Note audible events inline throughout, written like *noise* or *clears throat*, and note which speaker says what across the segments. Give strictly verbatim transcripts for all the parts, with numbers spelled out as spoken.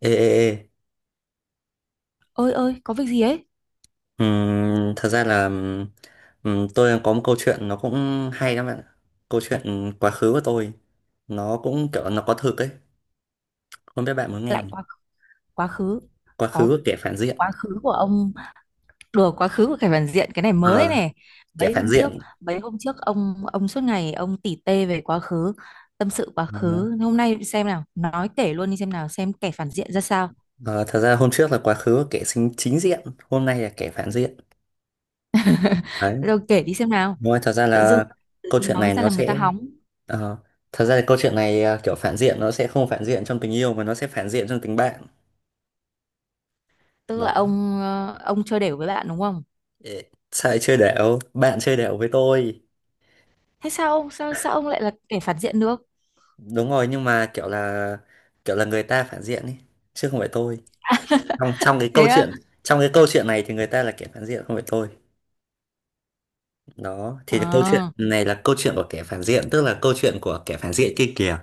Speaker 1: Ê, ê, ê.
Speaker 2: Ơi ơi, có việc gì ấy?
Speaker 1: Ừm, thật ra là ừm, tôi có một câu chuyện nó cũng hay lắm bạn ạ. Câu chuyện quá khứ của tôi nó cũng kiểu nó có thực ấy, không biết bạn muốn nghe
Speaker 2: Lại
Speaker 1: không.
Speaker 2: quá quá khứ
Speaker 1: Quá khứ
Speaker 2: Có.
Speaker 1: của kẻ phản diện.
Speaker 2: Quá khứ của ông? Đùa, quá khứ của Khải Hoàn Diện, cái này mới
Speaker 1: ờ,
Speaker 2: này.
Speaker 1: Kẻ
Speaker 2: mấy
Speaker 1: phản
Speaker 2: hôm trước
Speaker 1: diện.
Speaker 2: mấy hôm trước ông ông suốt ngày ông tỉ tê về quá khứ, tâm sự quá
Speaker 1: ờ,
Speaker 2: khứ. Hôm nay xem nào, nói kể luôn đi xem nào, xem kẻ phản diện ra sao.
Speaker 1: ờ, Thật ra hôm trước là quá khứ của kẻ chính chính diện, hôm nay là kẻ phản diện đấy.
Speaker 2: Rồi, kể đi xem nào.
Speaker 1: Đúng rồi, thật ra
Speaker 2: tự dưng
Speaker 1: là
Speaker 2: tự
Speaker 1: câu
Speaker 2: dưng
Speaker 1: chuyện
Speaker 2: nói
Speaker 1: này
Speaker 2: ra
Speaker 1: nó
Speaker 2: làm người ta
Speaker 1: sẽ
Speaker 2: hóng.
Speaker 1: ờ, thật ra là câu chuyện này à, kiểu phản diện nó sẽ không phản diện trong tình yêu mà nó sẽ phản diện trong tình bạn.
Speaker 2: Tức
Speaker 1: Đó.
Speaker 2: là ông, ờ, ông chơi đều với bạn đúng không?
Speaker 1: Sao lại chơi đểu bạn, chơi đểu với tôi?
Speaker 2: Thế sao ông, sao sao ông lại là kẻ phản diện được?
Speaker 1: Đúng rồi, nhưng mà kiểu là kiểu là người ta phản diện ấy chứ không phải tôi. Trong trong cái
Speaker 2: Thế
Speaker 1: câu
Speaker 2: á?
Speaker 1: chuyện, trong cái câu chuyện này thì người ta là kẻ phản diện không phải tôi. Đó thì câu chuyện
Speaker 2: Ờ.
Speaker 1: này là câu chuyện của kẻ phản diện, tức là câu chuyện của kẻ phản diện kia kìa.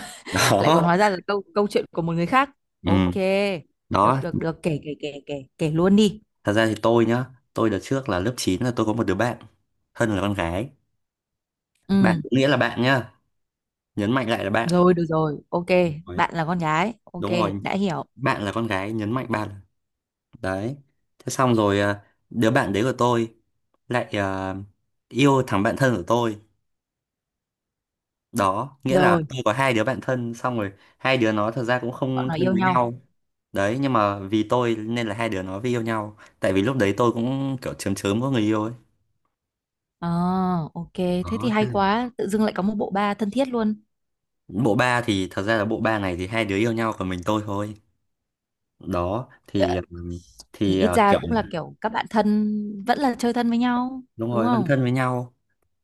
Speaker 1: *laughs*
Speaker 2: Lại còn
Speaker 1: Đó.
Speaker 2: hóa ra là câu câu chuyện của một người khác.
Speaker 1: Ừ.
Speaker 2: Ok, được
Speaker 1: Đó,
Speaker 2: được được, kể kể kể kể kể luôn đi.
Speaker 1: thật ra thì tôi nhá, tôi đợt trước là lớp chín là tôi có một đứa bạn Hân là con gái.
Speaker 2: Ừ.
Speaker 1: Bạn có nghĩa là bạn nhá, nhấn mạnh lại là bạn.
Speaker 2: Rồi được rồi, ok.
Speaker 1: Đúng rồi.
Speaker 2: Bạn là con gái, ok.
Speaker 1: Đúng rồi.
Speaker 2: Đã hiểu.
Speaker 1: Bạn là con gái, nhấn mạnh ba lần. Đấy, thế xong rồi à, đứa bạn đấy của tôi lại à, yêu thằng bạn thân của tôi. Đó, nghĩa là
Speaker 2: Rồi.
Speaker 1: tôi có hai đứa bạn thân. Xong rồi hai đứa nó thật ra cũng
Speaker 2: Bọn
Speaker 1: không
Speaker 2: nó
Speaker 1: thân
Speaker 2: yêu
Speaker 1: với
Speaker 2: nhau.
Speaker 1: nhau. Đấy, nhưng mà vì tôi nên là hai đứa nó mới yêu nhau, tại vì lúc đấy tôi cũng kiểu chớm chớm có người yêu ấy.
Speaker 2: À, ok. Thế thì
Speaker 1: Đó, thế
Speaker 2: hay
Speaker 1: là
Speaker 2: quá, tự dưng lại có một bộ ba thân thiết luôn.
Speaker 1: bộ ba thì thật ra là bộ ba này thì hai đứa yêu nhau còn mình tôi thôi. Đó thì ừm,
Speaker 2: Thì
Speaker 1: thì
Speaker 2: ít
Speaker 1: ờ,
Speaker 2: ra
Speaker 1: kiểu
Speaker 2: cũng là kiểu các bạn thân, vẫn là chơi thân với nhau
Speaker 1: đúng
Speaker 2: đúng
Speaker 1: rồi vẫn
Speaker 2: không?
Speaker 1: thân với nhau.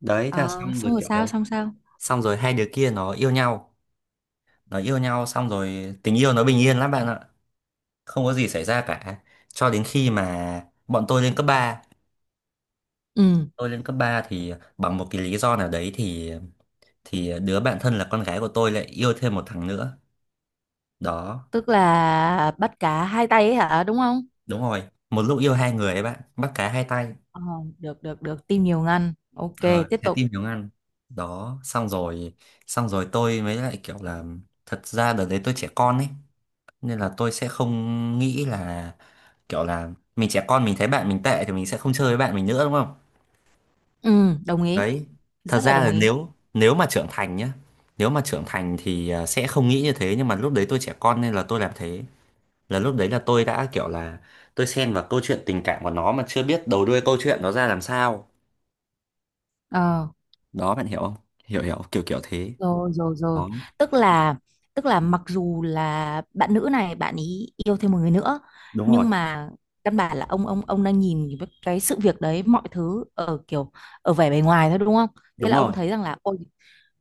Speaker 1: Đấy thế là
Speaker 2: Ờ
Speaker 1: xong rồi
Speaker 2: xong rồi sao,
Speaker 1: kiểu
Speaker 2: xong sao?
Speaker 1: xong rồi hai đứa kia nó yêu nhau. Nó yêu nhau xong rồi tình yêu nó bình yên lắm bạn ạ, không có gì xảy ra cả cho đến khi mà bọn tôi lên cấp ba.
Speaker 2: Ừ,
Speaker 1: Tôi lên cấp ba thì bằng một cái lý do nào đấy thì thì đứa bạn thân là con gái của tôi lại yêu thêm một thằng nữa. Đó.
Speaker 2: tức là bắt cá hai tay ấy hả, đúng không?
Speaker 1: Đúng rồi, một lúc yêu hai người ấy bạn, bắt cá hai tay.
Speaker 2: Ờ, được được được, tim nhiều ngăn, ok.
Speaker 1: ờ,
Speaker 2: Tiếp
Speaker 1: Trái
Speaker 2: tục.
Speaker 1: tim hiếu ăn. Đó, xong rồi xong rồi tôi mới lại kiểu là thật ra đợt đấy tôi trẻ con ấy, nên là tôi sẽ không nghĩ là kiểu là mình trẻ con mình thấy bạn mình tệ thì mình sẽ không chơi với bạn mình nữa đúng không?
Speaker 2: Ừ, đồng ý.
Speaker 1: Đấy, thật
Speaker 2: Rất là
Speaker 1: ra
Speaker 2: đồng
Speaker 1: là
Speaker 2: ý.
Speaker 1: nếu nếu mà trưởng thành nhá, nếu mà trưởng thành thì à, sẽ không nghĩ như thế, nhưng mà lúc đấy tôi trẻ con nên là tôi làm thế. Là lúc đấy là tôi đã kiểu là tôi xen vào câu chuyện tình cảm của nó mà chưa biết đầu đuôi câu chuyện nó ra làm sao.
Speaker 2: Ờ.
Speaker 1: Đó, bạn hiểu không? Hiểu hiểu, kiểu kiểu thế.
Speaker 2: Rồi, rồi, rồi.
Speaker 1: Đó.
Speaker 2: Tức là tức là mặc dù là bạn nữ này, bạn ý yêu thêm một người nữa,
Speaker 1: Đúng rồi,
Speaker 2: nhưng mà căn bản là ông ông ông đang nhìn cái cái sự việc đấy, mọi thứ ở kiểu, ở vẻ bề ngoài thôi đúng không? Thế
Speaker 1: đúng
Speaker 2: là ông
Speaker 1: rồi,
Speaker 2: thấy rằng là, ôi,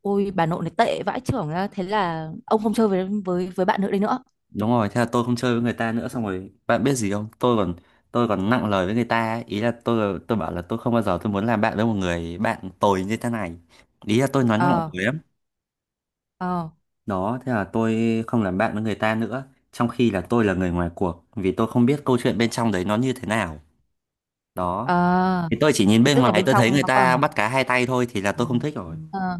Speaker 2: ôi bà nội này tệ vãi chưởng ra, thế là ông không chơi với với với bạn nữ đấy nữa.
Speaker 1: đúng rồi, thế là tôi không chơi với người ta nữa. Xong rồi bạn biết gì không, tôi còn tôi còn nặng lời với người ta ấy. Ý là tôi tôi bảo là tôi không bao giờ tôi muốn làm bạn với một người bạn tồi như thế này. Ý là tôi nói nặng
Speaker 2: Ờ,
Speaker 1: lời lắm.
Speaker 2: ờ,
Speaker 1: Đó, thế là tôi không làm bạn với người ta nữa, trong khi là tôi là người ngoài cuộc, vì tôi không biết câu chuyện bên trong đấy nó như thế nào. Đó,
Speaker 2: ờ.
Speaker 1: thì tôi chỉ nhìn
Speaker 2: Thế
Speaker 1: bên
Speaker 2: tức là
Speaker 1: ngoài
Speaker 2: bên
Speaker 1: tôi
Speaker 2: trong
Speaker 1: thấy người
Speaker 2: nó
Speaker 1: ta
Speaker 2: còn,
Speaker 1: bắt cá hai tay thôi thì là tôi không thích rồi.
Speaker 2: ờ,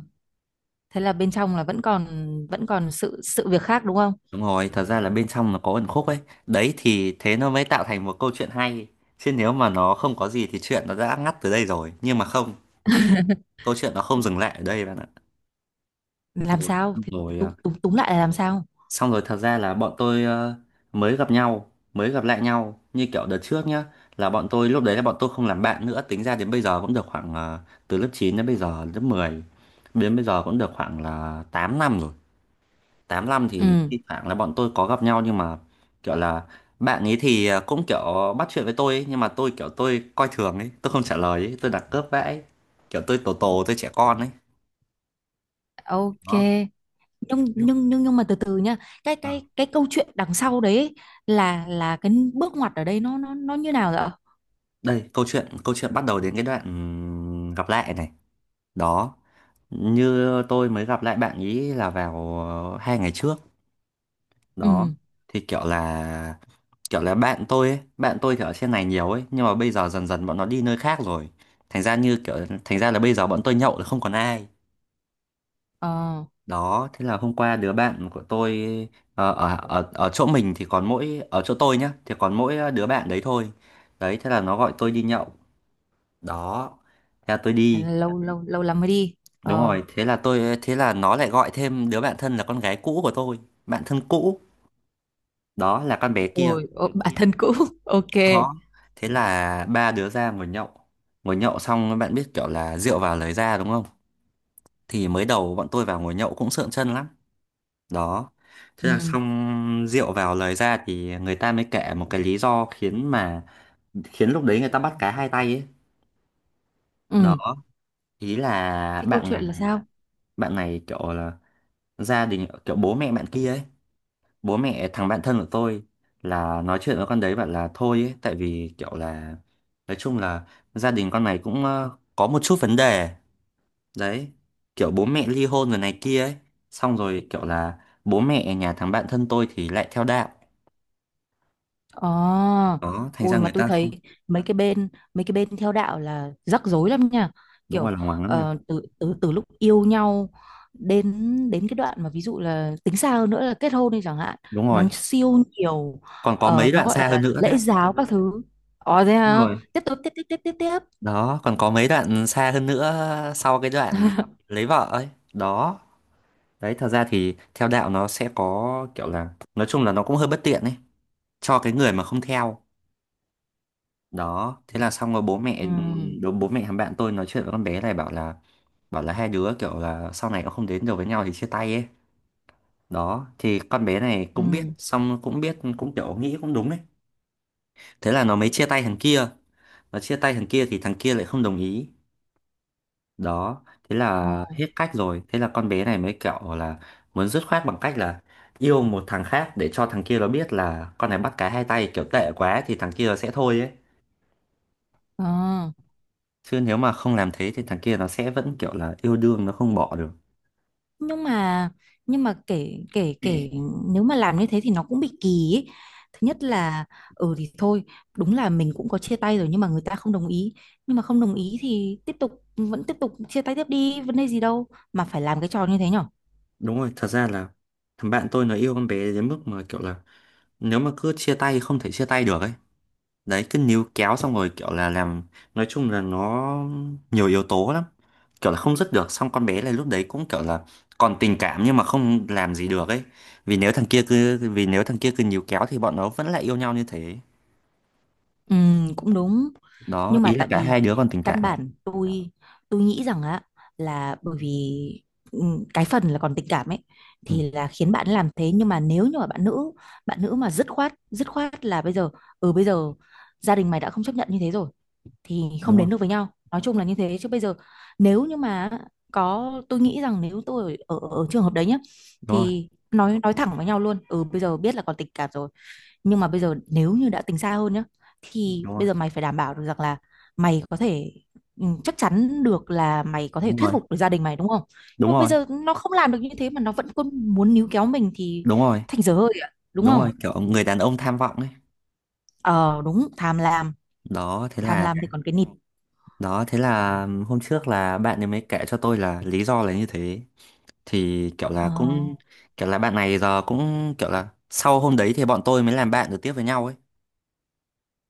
Speaker 2: thế là bên trong là vẫn còn, vẫn còn sự sự việc khác đúng không?
Speaker 1: Đúng rồi, thật ra là bên trong nó có ẩn khúc ấy. Đấy thì thế nó mới tạo thành một câu chuyện hay. Chứ nếu mà nó không có gì thì chuyện nó đã ngắt từ đây rồi. Nhưng mà không,
Speaker 2: *laughs*
Speaker 1: câu chuyện nó không dừng lại ở đây bạn ạ.
Speaker 2: Làm
Speaker 1: Rồi,
Speaker 2: sao thì,
Speaker 1: rồi
Speaker 2: tú-
Speaker 1: à,
Speaker 2: túm túm lại là làm sao?
Speaker 1: xong rồi thật ra là bọn tôi ờ, mới gặp nhau, mới gặp lại nhau như kiểu đợt trước nhá, là bọn tôi lúc đấy là bọn tôi không làm bạn nữa, tính ra đến bây giờ cũng được khoảng ờ, từ lớp chín đến bây giờ lớp mười, đến bây giờ cũng được khoảng là tám năm rồi. Tám năm thì
Speaker 2: Ừ.
Speaker 1: thi thoảng là bọn tôi có gặp nhau, nhưng mà kiểu là bạn ấy thì ờ, cũng kiểu bắt chuyện với tôi ấy, nhưng mà tôi kiểu tôi coi thường ấy, tôi không trả lời ấy, tôi đặt cướp vãi. Kiểu tôi tổ tổ tôi trẻ con ấy.
Speaker 2: Ok.
Speaker 1: Đó.
Speaker 2: Nhưng nhưng nhưng nhưng mà từ từ nhá, cái
Speaker 1: Ờ,
Speaker 2: cái cái câu chuyện đằng sau đấy ấy, là là cái bước ngoặt ở đây, nó nó nó như nào vậy ạ?
Speaker 1: đây câu chuyện câu chuyện bắt đầu đến cái đoạn ừm, gặp lại này. Đó, như tôi mới gặp lại bạn ý là vào ờ, hai ngày trước. Đó
Speaker 2: Ừ.
Speaker 1: thì kiểu là kiểu là bạn tôi ấy, bạn tôi thì ở trên này nhiều ấy, nhưng mà bây giờ dần dần bọn nó đi nơi khác rồi, thành ra như kiểu thành ra là bây giờ bọn tôi nhậu là không còn ai.
Speaker 2: Ờ.
Speaker 1: Đó, thế là hôm qua đứa bạn của tôi ờ, ở ở ở chỗ mình thì còn mỗi ở chỗ tôi nhá, thì còn mỗi đứa bạn đấy thôi. Đấy thế là nó gọi tôi đi nhậu. Đó, thế là tôi
Speaker 2: Thế
Speaker 1: đi.
Speaker 2: là lâu lâu lâu lắm mới đi.
Speaker 1: Đúng
Speaker 2: Ờ.
Speaker 1: rồi, thế là tôi thế là nó lại gọi thêm đứa bạn thân là con gái cũ của tôi, bạn thân cũ, đó là con bé kia.
Speaker 2: Rồi, ờ, bản thân cũ. *laughs* Ok.
Speaker 1: Đó. Thế là ba đứa ra ngồi nhậu. Ngồi nhậu xong bạn biết kiểu là rượu vào lời ra đúng không? Thì mới đầu bọn tôi vào ngồi nhậu cũng sượng chân lắm. Đó. Thế là
Speaker 2: Ừ,
Speaker 1: xong rượu vào lời ra thì người ta mới kể một cái lý do khiến mà khiến lúc đấy người ta bắt cá hai tay ấy. Đó,
Speaker 2: ừ.
Speaker 1: ý là
Speaker 2: Thế câu
Speaker 1: bạn này
Speaker 2: chuyện là sao?
Speaker 1: bạn này kiểu là gia đình kiểu bố mẹ bạn kia ấy, bố mẹ thằng bạn thân của tôi là nói chuyện với con đấy bảo là thôi ấy, tại vì kiểu là nói chung là gia đình con này cũng ờ, có một chút vấn đề. Đấy kiểu bố mẹ ly hôn rồi này kia ấy, xong rồi kiểu là bố mẹ nhà thằng bạn thân tôi thì lại theo đạo.
Speaker 2: Ờ,
Speaker 1: Đó thành ra
Speaker 2: ui mà
Speaker 1: người
Speaker 2: tôi
Speaker 1: ta không
Speaker 2: thấy, mấy cái bên mấy cái bên theo đạo là rắc rối lắm nha.
Speaker 1: đúng rồi,
Speaker 2: Kiểu,
Speaker 1: là hoàng lắm nha.
Speaker 2: ờ, từ từ từ lúc yêu nhau, đến đến cái đoạn mà ví dụ là tính xa hơn nữa là kết hôn đi chẳng hạn,
Speaker 1: Đúng
Speaker 2: nó
Speaker 1: rồi,
Speaker 2: siêu nhiều.
Speaker 1: còn có
Speaker 2: Ờ,
Speaker 1: mấy
Speaker 2: nó
Speaker 1: đoạn
Speaker 2: gọi
Speaker 1: xa hơn
Speaker 2: là
Speaker 1: nữa đấy.
Speaker 2: lễ giáo các thứ. Ờ thế
Speaker 1: Đúng
Speaker 2: hả?
Speaker 1: rồi.
Speaker 2: Tiếp tục, tiếp, tiếp, tiếp, tiếp, tiếp.
Speaker 1: Đó còn có mấy đoạn xa hơn nữa sau cái đoạn lấy vợ ấy. Đó. Đấy, thật ra thì theo đạo nó sẽ có kiểu là nói chung là nó cũng hơi bất tiện ấy cho cái người mà không theo. Đó, thế là xong rồi bố mẹ
Speaker 2: Ừ.
Speaker 1: đố bố mẹ thằng bạn tôi nói chuyện với con bé này bảo là bảo là hai đứa kiểu là sau này nó không đến được với nhau thì chia tay ấy. Đó, thì con bé này cũng biết,
Speaker 2: Ừ.
Speaker 1: xong cũng biết cũng kiểu nghĩ cũng đúng ấy. Thế là nó mới chia tay thằng kia. Nó chia tay thằng kia thì thằng kia lại không đồng ý. Đó thế
Speaker 2: Ờ.
Speaker 1: là hết cách rồi, thế là con bé này mới kiểu là muốn dứt khoát bằng cách là yêu một thằng khác, để cho thằng kia nó biết là con này bắt cá hai tay kiểu tệ quá thì thằng kia nó sẽ thôi ấy,
Speaker 2: Ờ.
Speaker 1: chứ nếu mà không làm thế thì thằng kia nó sẽ vẫn kiểu là yêu đương nó không bỏ được.
Speaker 2: nhưng mà nhưng mà kể, kể, kể.
Speaker 1: *clears throat*
Speaker 2: Nếu mà làm như thế thì nó cũng bị kỳ ấy. Thứ nhất là, ừ thì thôi, đúng là mình cũng có chia tay rồi nhưng mà người ta không đồng ý. Nhưng mà không đồng ý thì tiếp tục, vẫn tiếp tục chia tay tiếp đi, vấn đề gì đâu mà phải làm cái trò như thế nhở.
Speaker 1: Đúng rồi, thật ra là thằng bạn tôi nó yêu con bé đến mức mà kiểu là nếu mà cứ chia tay không thể chia tay được ấy, đấy cứ níu kéo xong rồi kiểu là làm nói chung là nó nhiều yếu tố lắm, kiểu là không dứt được. Xong con bé này lúc đấy cũng kiểu là còn tình cảm nhưng mà không làm gì được ấy, vì nếu thằng kia cứ vì nếu thằng kia cứ níu kéo thì bọn nó vẫn lại yêu nhau như thế.
Speaker 2: Ừ, cũng đúng.
Speaker 1: Đó
Speaker 2: Nhưng mà
Speaker 1: ý là
Speaker 2: tại
Speaker 1: cả
Speaker 2: vì
Speaker 1: hai đứa còn tình
Speaker 2: căn
Speaker 1: cảm.
Speaker 2: bản tôi tôi nghĩ rằng á, là bởi vì, ừ, cái phần là còn tình cảm ấy,
Speaker 1: Ừ,
Speaker 2: thì là khiến bạn làm thế. Nhưng mà nếu như mà bạn nữ bạn nữ mà dứt khoát, dứt khoát là bây giờ, ừ bây giờ gia đình mày đã không chấp nhận như thế rồi thì không
Speaker 1: đúng không?
Speaker 2: đến được với nhau. Nói chung là như thế. Chứ bây giờ nếu như mà có, tôi nghĩ rằng nếu tôi ở ở, ở trường hợp đấy nhá,
Speaker 1: Đúng rồi,
Speaker 2: thì nói nói thẳng với nhau luôn. Ừ bây giờ biết là còn tình cảm rồi, nhưng mà bây giờ nếu như đã tính xa hơn nhá,
Speaker 1: đúng
Speaker 2: thì
Speaker 1: rồi,
Speaker 2: bây giờ mày phải đảm bảo được rằng là mày có thể, ừ, chắc chắn được là mày có thể
Speaker 1: đúng
Speaker 2: thuyết
Speaker 1: rồi,
Speaker 2: phục được gia đình mày đúng không?
Speaker 1: đúng
Speaker 2: Nhưng mà bây
Speaker 1: rồi,
Speaker 2: giờ nó không làm được như thế mà nó vẫn cứ muốn níu kéo mình thì
Speaker 1: đúng rồi,
Speaker 2: thành dở hơi ạ, đúng
Speaker 1: đúng rồi,
Speaker 2: không?
Speaker 1: kiểu người đàn ông tham vọng ấy.
Speaker 2: Ờ đúng, tham lam.
Speaker 1: Đó thế
Speaker 2: Tham
Speaker 1: là
Speaker 2: lam thì còn cái nịt.
Speaker 1: đó thế là hôm trước là bạn ấy mới kể cho tôi là lý do là như thế, thì kiểu là
Speaker 2: Ờ.
Speaker 1: cũng kiểu là bạn này giờ cũng kiểu là sau hôm đấy thì bọn tôi mới làm bạn được tiếp với nhau ấy.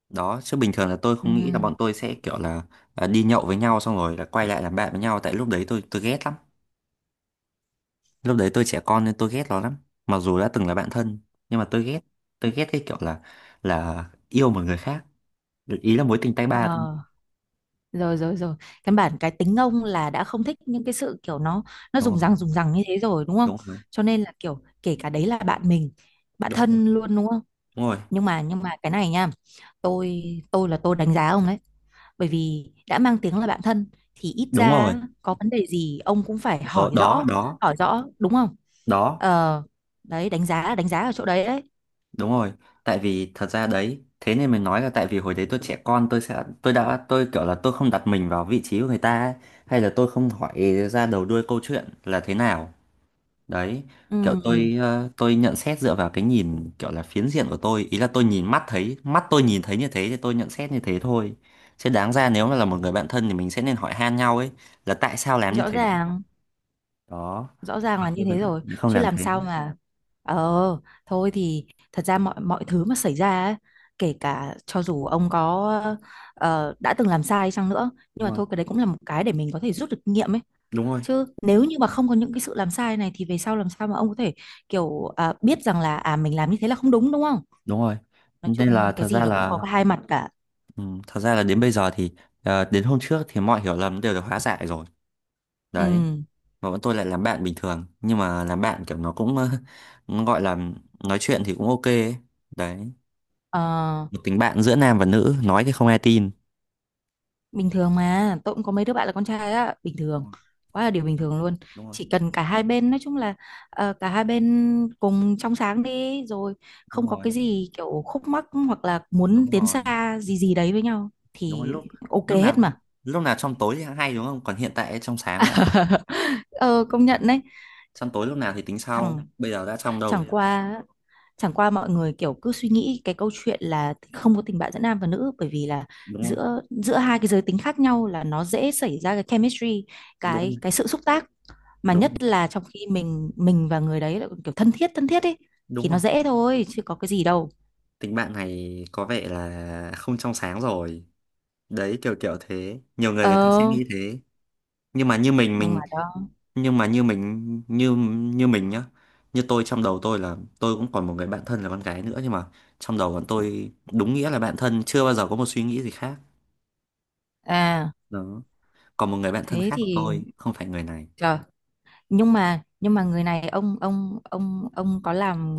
Speaker 1: Đó, chứ bình thường là tôi
Speaker 2: Ừ,
Speaker 1: không nghĩ là bọn tôi sẽ kiểu là à, đi nhậu với nhau xong rồi là quay lại làm bạn với nhau, tại lúc đấy tôi tôi ghét lắm. Lúc đấy tôi trẻ con nên tôi ghét nó lắm, mặc dù đã từng là bạn thân nhưng mà tôi ghét tôi ghét cái kiểu là là yêu một người khác, ý là mối tình tay ba thôi.
Speaker 2: ờ. Rồi, rồi, rồi. Căn bản cái tính ông là đã không thích những cái sự kiểu, nó nó
Speaker 1: Đúng
Speaker 2: dùng
Speaker 1: rồi,
Speaker 2: răng dùng răng như thế rồi đúng không?
Speaker 1: đúng rồi,
Speaker 2: Cho nên là kiểu, kể cả đấy là bạn mình, bạn
Speaker 1: đúng rồi,
Speaker 2: thân luôn đúng không?
Speaker 1: đúng rồi,
Speaker 2: Nhưng mà nhưng mà cái này nha, tôi tôi là tôi đánh giá ông đấy. Bởi vì đã mang tiếng là bạn thân thì ít
Speaker 1: đúng rồi.
Speaker 2: ra, có vấn đề gì ông cũng phải
Speaker 1: Đó,
Speaker 2: hỏi
Speaker 1: đó,
Speaker 2: rõ,
Speaker 1: đó,
Speaker 2: hỏi rõ đúng không?
Speaker 1: đó.
Speaker 2: Ờ, đấy đánh giá, đánh giá ở chỗ đấy đấy.
Speaker 1: Đúng rồi, tại vì thật ra đấy, thế nên mình nói là tại vì hồi đấy tôi trẻ con tôi sẽ tôi đã tôi kiểu là tôi không đặt mình vào vị trí của người ta ấy, hay là tôi không hỏi ra đầu đuôi câu chuyện là thế nào. Đấy, kiểu
Speaker 2: ừ,
Speaker 1: tôi ờ, tôi nhận xét dựa vào cái nhìn kiểu là phiến diện của tôi, ý là tôi nhìn mắt thấy, mắt tôi nhìn thấy như thế thì tôi nhận xét như thế thôi. Chứ đáng ra nếu mà là một người bạn thân thì mình sẽ nên hỏi han nhau ấy là tại sao làm như
Speaker 2: Rõ
Speaker 1: thế.
Speaker 2: ràng,
Speaker 1: Đó,
Speaker 2: rõ ràng
Speaker 1: mà
Speaker 2: là như
Speaker 1: tôi vẫn
Speaker 2: thế rồi.
Speaker 1: không
Speaker 2: Chứ
Speaker 1: làm
Speaker 2: làm
Speaker 1: thế.
Speaker 2: sao mà. Ờ thôi thì, thật ra mọi mọi thứ mà xảy ra ấy, kể cả cho dù ông có, ờ, đã từng làm sai chăng nữa, nhưng
Speaker 1: Đúng
Speaker 2: mà
Speaker 1: rồi,
Speaker 2: thôi, cái đấy cũng là một cái để mình có thể rút được kinh nghiệm ấy.
Speaker 1: đúng rồi,
Speaker 2: Chứ nếu như mà không có những cái sự làm sai này thì về sau làm sao mà ông có thể kiểu, à, biết rằng là à mình làm như thế là không đúng, đúng không?
Speaker 1: đúng rồi.
Speaker 2: Nói chung,
Speaker 1: Nên là
Speaker 2: cái
Speaker 1: thật
Speaker 2: gì
Speaker 1: ra
Speaker 2: nó cũng có
Speaker 1: là
Speaker 2: cái hai mặt cả.
Speaker 1: ừ, thật ra là đến bây giờ thì ờ, đến hôm trước thì mọi hiểu lầm đều được hóa giải rồi đấy.
Speaker 2: Ừ.
Speaker 1: Và bọn tôi lại làm bạn bình thường, nhưng mà làm bạn kiểu nó cũng *laughs* ờ, nó gọi là nói chuyện thì cũng ok ấy. Đấy.
Speaker 2: Ờ,
Speaker 1: Một tình bạn giữa nam và nữ nói thì không ai tin.
Speaker 2: bình thường mà, tôi cũng có mấy đứa bạn là con trai á, bình
Speaker 1: Đúng
Speaker 2: thường,
Speaker 1: rồi,
Speaker 2: quá là điều bình thường luôn.
Speaker 1: đúng rồi,
Speaker 2: Chỉ cần cả hai bên, nói chung là, ờ, cả hai bên cùng trong sáng đi rồi,
Speaker 1: đúng
Speaker 2: không có cái
Speaker 1: rồi,
Speaker 2: gì kiểu khúc mắc hoặc là muốn
Speaker 1: đúng
Speaker 2: tiến
Speaker 1: rồi,
Speaker 2: xa gì gì đấy với nhau
Speaker 1: đúng rồi,
Speaker 2: thì
Speaker 1: lúc
Speaker 2: ok
Speaker 1: lúc
Speaker 2: hết
Speaker 1: nào
Speaker 2: mà.
Speaker 1: lúc nào trong tối thì hay đúng không, còn hiện tại trong sáng đã.
Speaker 2: Ờ công
Speaker 1: Đấy,
Speaker 2: nhận đấy.
Speaker 1: trong tối lúc nào thì tính sau,
Speaker 2: Chẳng,
Speaker 1: bây giờ đã trong
Speaker 2: chẳng
Speaker 1: đầu.
Speaker 2: qua chẳng qua mọi người kiểu cứ suy nghĩ cái câu chuyện là không có tình bạn giữa nam và nữ, bởi vì là
Speaker 1: Đúng rồi,
Speaker 2: giữa giữa hai cái giới tính khác nhau là nó dễ xảy ra cái chemistry,
Speaker 1: đúng rồi,
Speaker 2: cái cái sự xúc tác, mà
Speaker 1: đúng
Speaker 2: nhất
Speaker 1: rồi,
Speaker 2: là trong khi mình mình và người đấy là kiểu thân thiết, thân thiết ấy,
Speaker 1: đúng
Speaker 2: thì
Speaker 1: rồi.
Speaker 2: nó dễ thôi chứ có cái gì đâu.
Speaker 1: Tình bạn này có vẻ là không trong sáng rồi. Đấy kiểu kiểu thế, nhiều người người ta ừ, sẽ
Speaker 2: Ờ
Speaker 1: nghĩ thế. Nhưng mà như mình
Speaker 2: nhưng
Speaker 1: mình
Speaker 2: mà đó.
Speaker 1: nhưng mà như mình như như mình nhá, như tôi trong đầu tôi là tôi cũng còn một người bạn thân là con gái nữa, nhưng mà trong đầu bọn tôi đúng nghĩa là bạn thân, chưa bao giờ có một suy nghĩ gì khác.
Speaker 2: À
Speaker 1: Đó, còn một người bạn thân
Speaker 2: thế
Speaker 1: khác của
Speaker 2: thì,
Speaker 1: tôi không phải người này.
Speaker 2: trời, nhưng mà nhưng mà người này ông ông ông ông có làm,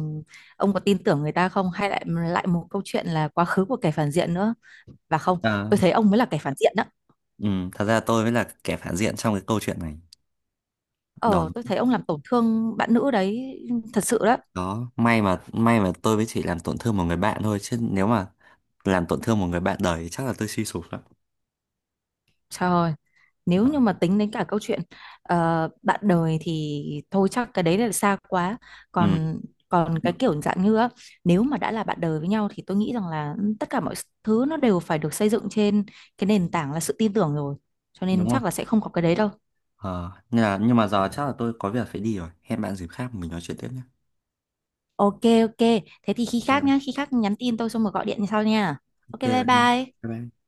Speaker 2: ông có tin tưởng người ta không, hay lại lại một câu chuyện là quá khứ của kẻ phản diện nữa, và không? Tôi
Speaker 1: Ờ,
Speaker 2: thấy ông mới là kẻ phản diện đó.
Speaker 1: ừ, thật ra tôi mới là kẻ phản diện trong cái câu chuyện này. Đó,
Speaker 2: Ờ, tôi thấy ông làm tổn thương bạn nữ đấy, thật sự đó.
Speaker 1: đó, may mà may mà tôi mới chỉ làm tổn thương một người bạn thôi, chứ nếu mà làm tổn thương một người bạn đời thì chắc là tôi suy sụp lắm.
Speaker 2: Trời ơi, nếu
Speaker 1: Đó.
Speaker 2: như mà tính đến cả câu chuyện, ờ, bạn đời thì thôi chắc cái đấy là xa quá.
Speaker 1: Ừ.
Speaker 2: Còn còn cái kiểu dạng như á, nếu mà đã là bạn đời với nhau thì tôi nghĩ rằng là, ừ, tất cả mọi thứ nó đều phải được xây dựng trên cái nền tảng là sự tin tưởng rồi, cho nên
Speaker 1: Đúng rồi.
Speaker 2: chắc là sẽ không có cái đấy đâu.
Speaker 1: Ờ, nhưng mà, nhưng mà giờ chắc là tôi có việc phải đi rồi. Hẹn bạn dịp khác mình nói chuyện tiếp nhé.
Speaker 2: Ok, ok. Thế thì khi
Speaker 1: Ok
Speaker 2: khác
Speaker 1: bạn,
Speaker 2: nhá, khi khác nhắn tin tôi xong rồi gọi điện sau nha. Ok
Speaker 1: ok
Speaker 2: bye
Speaker 1: bạn nha.
Speaker 2: bye.
Speaker 1: Bye bye.